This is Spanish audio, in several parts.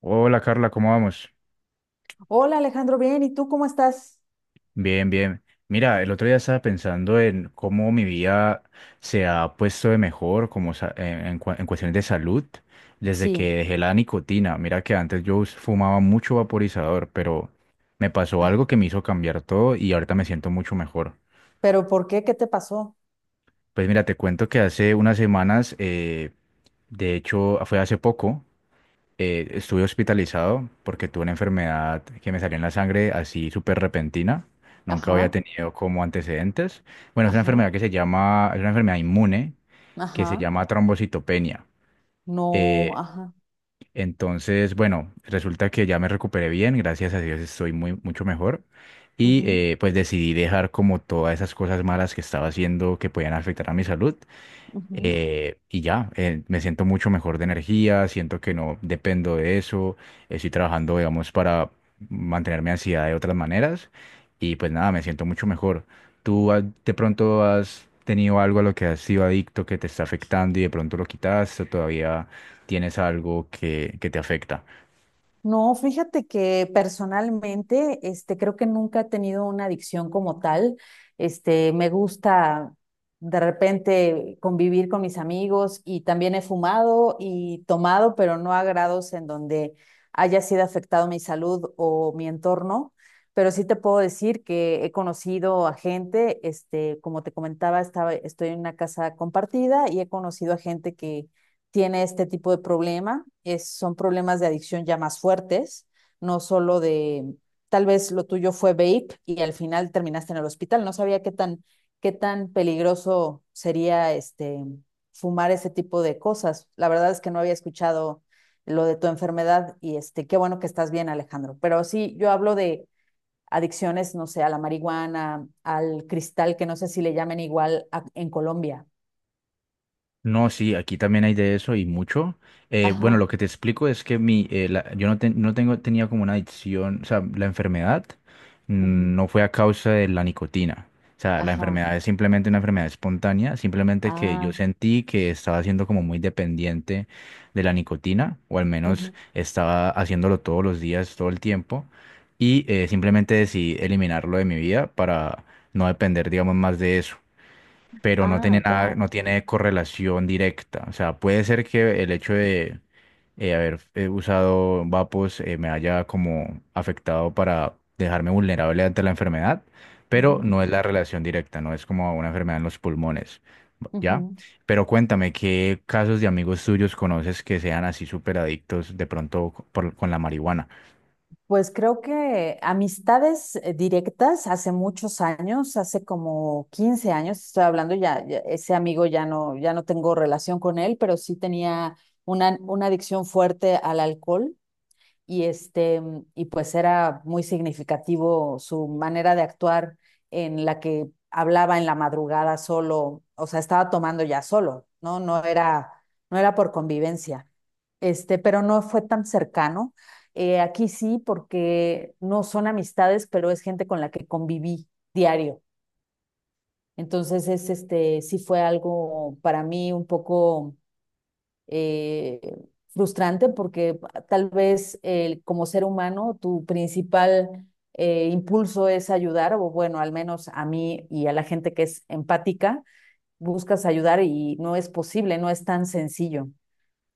Hola Carla, ¿cómo vamos? Hola Alejandro, bien, ¿y tú cómo estás? Bien, bien. Mira, el otro día estaba pensando en cómo mi vida se ha puesto de mejor como en en cuestiones de salud desde Sí. que dejé la nicotina. Mira que antes yo fumaba mucho vaporizador, pero me pasó Ah, algo que me hizo cambiar todo y ahorita me siento mucho mejor. pero ¿por qué? ¿Qué te pasó? Pues mira, te cuento que hace unas semanas, de hecho fue hace poco. Estuve hospitalizado porque tuve una enfermedad que me salió en la sangre así súper repentina. Nunca había Ajá, tenido como antecedentes. Bueno, es una ajá, enfermedad que se llama, es una enfermedad inmune que se ajá, llama trombocitopenia. no, Eh, ajá, entonces, bueno, resulta que ya me recuperé bien, gracias a Dios estoy muy, mucho mejor. Y ujú, pues decidí dejar como todas esas cosas malas que estaba haciendo que podían afectar a mi salud ujú. Y ya, me siento mucho mejor de energía, siento que no dependo de eso, estoy trabajando, digamos, para mantener mi ansiedad de otras maneras y pues nada, me siento mucho mejor. ¿Tú de pronto has tenido algo a lo que has sido adicto que te está afectando y de pronto lo quitaste o todavía tienes algo que te afecta? No, fíjate que personalmente, este, creo que nunca he tenido una adicción como tal. Este, me gusta de repente convivir con mis amigos y también he fumado y tomado, pero no a grados en donde haya sido afectado mi salud o mi entorno. Pero sí te puedo decir que he conocido a gente, este, como te comentaba, estoy en una casa compartida y he conocido a gente que tiene este tipo de problema. Son problemas de adicción ya más fuertes, no solo tal vez lo tuyo fue vape y al final terminaste en el hospital. No sabía qué tan peligroso sería este, fumar ese tipo de cosas. La verdad es que no había escuchado lo de tu enfermedad y este, qué bueno que estás bien, Alejandro. Pero sí, yo hablo de adicciones, no sé, a la marihuana, al cristal, que no sé si le llamen igual en Colombia. No, sí, aquí también hay de eso y mucho. Bueno, lo Ajá, que te explico es que mi, yo no, no tengo, tenía como una adicción, o sea, la enfermedad ujú, no fue a causa de la nicotina. O sea, la ajá, enfermedad es simplemente una enfermedad espontánea, simplemente que yo ah. sentí que estaba siendo como muy dependiente de la nicotina, o al menos Ujú. estaba haciéndolo todos los días, todo el tiempo, y simplemente decidí eliminarlo de mi vida para no depender, digamos, más de eso, pero no tiene Ah, nada, ya. no tiene correlación directa. O sea, puede ser que el hecho de haber usado vapos me haya como afectado para dejarme vulnerable ante la enfermedad, pero Ujú, no es la relación directa, no es como una enfermedad en los pulmones, ¿ya? ujú. Pero cuéntame, ¿qué casos de amigos tuyos conoces que sean así súper adictos de pronto con la marihuana? Pues creo que amistades directas hace muchos años, hace como 15 años, estoy hablando ya, ya ese amigo ya no, ya no tengo relación con él, pero sí tenía una adicción fuerte al alcohol y este, y pues era muy significativo su manera de actuar en la que hablaba en la madrugada solo, o sea, estaba tomando ya solo, ¿no? No era por convivencia. Este, pero no fue tan cercano. Aquí sí, porque no son amistades, pero es gente con la que conviví diario. Entonces es este, sí fue algo para mí un poco eh, frustrante porque tal vez como ser humano tu principal impulso es ayudar, o bueno, al menos a mí y a la gente que es empática, buscas ayudar y no es posible, no es tan sencillo.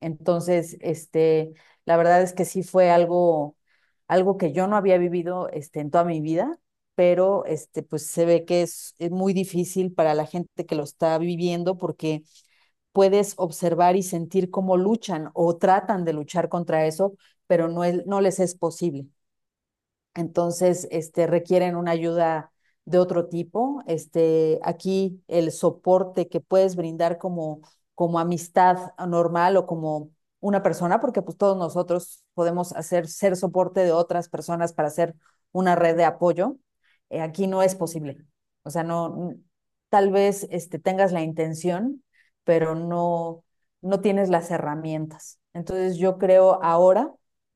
Entonces, este, la verdad es que sí fue algo, algo que yo no había vivido este, en toda mi vida, pero este, pues se ve que es muy difícil para la gente que lo está viviendo porque puedes observar y sentir cómo luchan o tratan de luchar contra eso, pero no, no les es posible, entonces este, requieren una ayuda de otro tipo. Este, aquí el soporte que puedes brindar como amistad normal o como una persona, porque pues todos nosotros podemos hacer ser soporte de otras personas para hacer una red de apoyo, aquí no es posible. O sea, no, tal vez este, tengas la intención, pero no, no tienes las herramientas. Entonces yo creo ahora,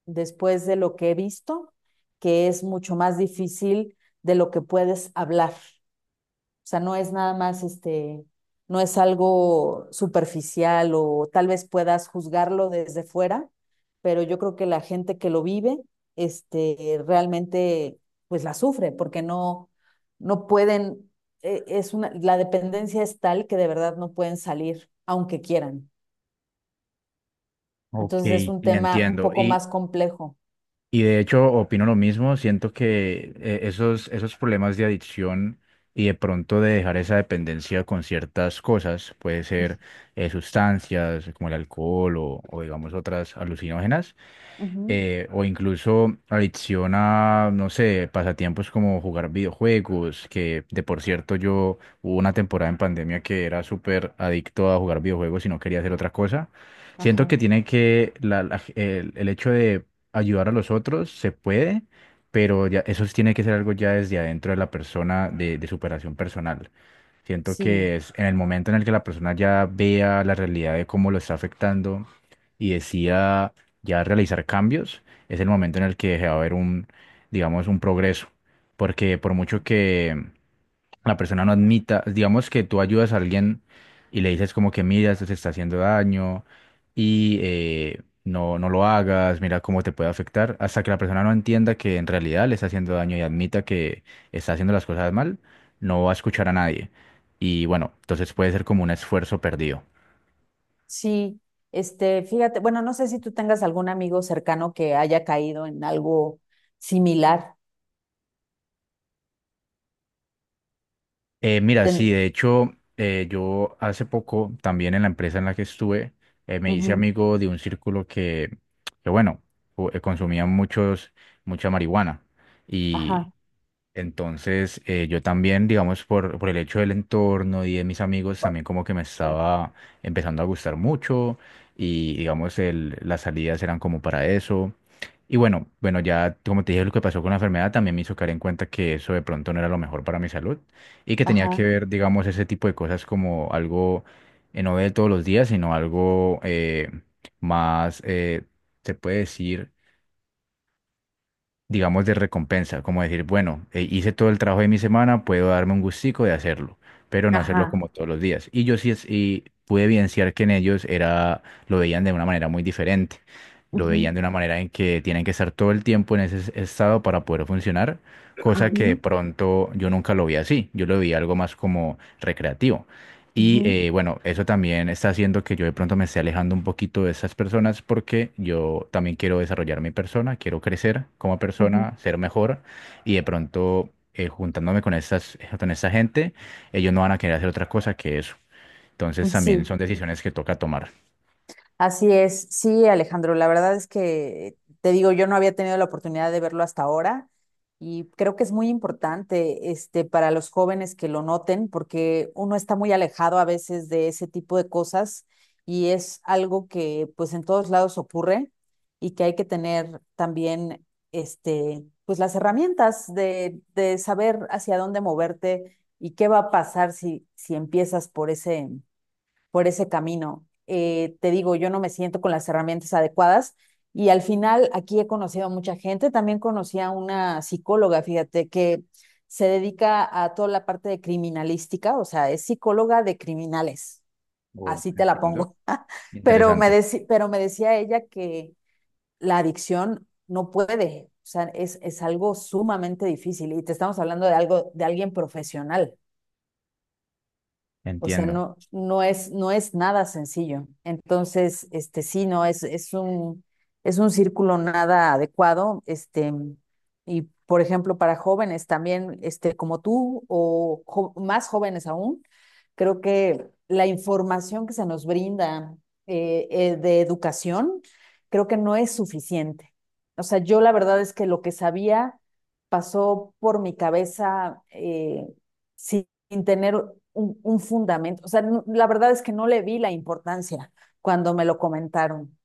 después de lo que he visto, que es mucho más difícil de lo que puedes hablar. O sea, no es nada más este, no es algo superficial o tal vez puedas juzgarlo desde fuera, pero yo creo que la gente que lo vive, este, realmente pues la sufre porque no, no pueden, es una, la dependencia es tal que de verdad no pueden salir aunque quieran. Ok, Entonces es un sí, tema un entiendo. poco Y, más complejo. y de hecho, opino lo mismo. Siento que esos, esos problemas de adicción y de pronto de dejar esa dependencia con ciertas cosas, puede ser sustancias como el alcohol o digamos otras alucinógenas, Uh -huh. O incluso adicción a, no sé, pasatiempos como jugar videojuegos, que de por cierto yo hubo una temporada en pandemia que era súper adicto a jugar videojuegos y no quería hacer otra cosa. Siento que Ajá, tiene que, el hecho de ayudar a los otros se puede, pero ya, eso sí tiene que ser algo ya desde adentro de la persona, de superación personal. Siento sí. que es en el momento en el que la persona ya vea la realidad de cómo lo está afectando y decida ya realizar cambios, es el momento en el que va a haber un, digamos, un progreso. Porque por mucho que la persona no admita, digamos que tú ayudas a alguien y le dices como que mira, esto te está haciendo daño y no, no lo hagas, mira cómo te puede afectar, hasta que la persona no entienda que en realidad le está haciendo daño y admita que está haciendo las cosas mal, no va a escuchar a nadie. Y bueno, entonces puede ser como un esfuerzo perdido. Sí, este, fíjate, bueno, no sé si tú tengas algún amigo cercano que haya caído en algo similar. Mira, sí, Ten- de hecho, yo hace poco también en la empresa en la que estuve, me hice Ujú, amigo de un círculo que bueno, consumía muchos, mucha marihuana. Y ajá, entonces, yo también, digamos, por el hecho del entorno y de mis amigos, también como que me estaba empezando a gustar mucho y, digamos, las salidas eran como para eso. Y bueno, bueno, ya como te dije, lo que pasó con la enfermedad también me hizo caer en cuenta que eso de pronto no era lo mejor para mi salud y que tenía que ajá, ver, digamos, ese tipo de cosas como algo no de todos los días, sino algo más, se puede decir, digamos, de recompensa, como decir, bueno, hice todo el trabajo de mi semana, puedo darme un gustico de hacerlo, pero no hacerlo ajá. como todos los días. Y yo sí y pude evidenciar que en ellos era, lo veían de una manera muy diferente, lo veían Ujú, de una manera en que tienen que estar todo el tiempo en ese estado para poder funcionar, cosa que de ujú, pronto yo nunca lo vi así, yo lo vi algo más como recreativo. Y ujú, bueno, eso también está haciendo que yo de pronto me esté alejando un poquito de esas personas porque yo también quiero desarrollar mi persona, quiero crecer como ujú, persona, ser mejor y de pronto juntándome con estas, con esta gente, ellos no van a querer hacer otra cosa que eso. Entonces ujú, también sí. son decisiones que toca tomar. Así es, sí, Alejandro, la verdad es que te digo, yo no había tenido la oportunidad de verlo hasta ahora y creo que es muy importante este para los jóvenes que lo noten porque uno está muy alejado a veces de ese tipo de cosas y es algo que pues en todos lados ocurre y que hay que tener también este pues las herramientas de saber hacia dónde moverte y qué va a pasar si si empiezas por ese camino. Te digo, yo no me siento con las herramientas adecuadas y al final aquí he conocido a mucha gente. También conocí a una psicóloga, fíjate, que se dedica a toda la parte de criminalística, o sea, es psicóloga de criminales, Oh, así te la entiendo. pongo. pero, me Interesante. decí, pero me decía ella que la adicción no puede, o sea, es algo sumamente difícil y te estamos hablando de algo, de alguien profesional. O sea, Entiendo. no, no es nada sencillo. Entonces, este sí, no, es un círculo nada adecuado. Este, y por ejemplo, para jóvenes también, este, como tú, o más jóvenes aún, creo que la información que se nos brinda de educación, creo que no es suficiente. O sea, yo la verdad es que lo que sabía pasó por mi cabeza. Sin tener un fundamento. O sea, la verdad es que no le vi la importancia cuando me lo comentaron.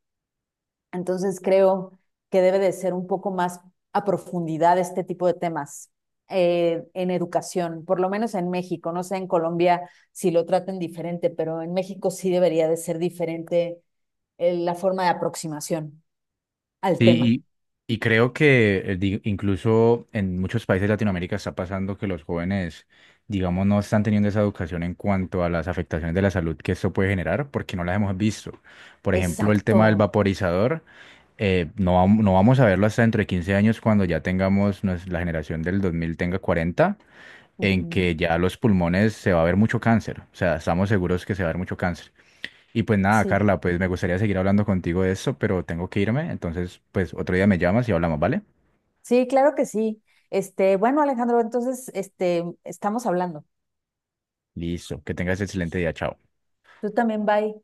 Entonces creo que debe de ser un poco más a profundidad este tipo de temas en educación, por lo menos en México. No sé en Colombia si lo traten diferente, pero en México sí debería de ser diferente la forma de aproximación al tema. Sí, y creo que incluso en muchos países de Latinoamérica está pasando que los jóvenes, digamos, no están teniendo esa educación en cuanto a las afectaciones de la salud que esto puede generar porque no las hemos visto. Por ejemplo, el tema del Exacto. vaporizador, no, no vamos a verlo hasta dentro de 15 años cuando ya tengamos, la generación del 2000 tenga 40, en Ujú, que ya los pulmones se va a ver mucho cáncer. O sea, estamos seguros que se va a ver mucho cáncer. Y pues nada, sí. Carla, pues me gustaría seguir hablando contigo de eso, pero tengo que irme. Entonces, pues otro día me llamas y hablamos, ¿vale? Sí, claro que sí. Este, bueno, Alejandro, entonces, este, estamos hablando. Listo, que tengas excelente día, chao. Tú también, bye.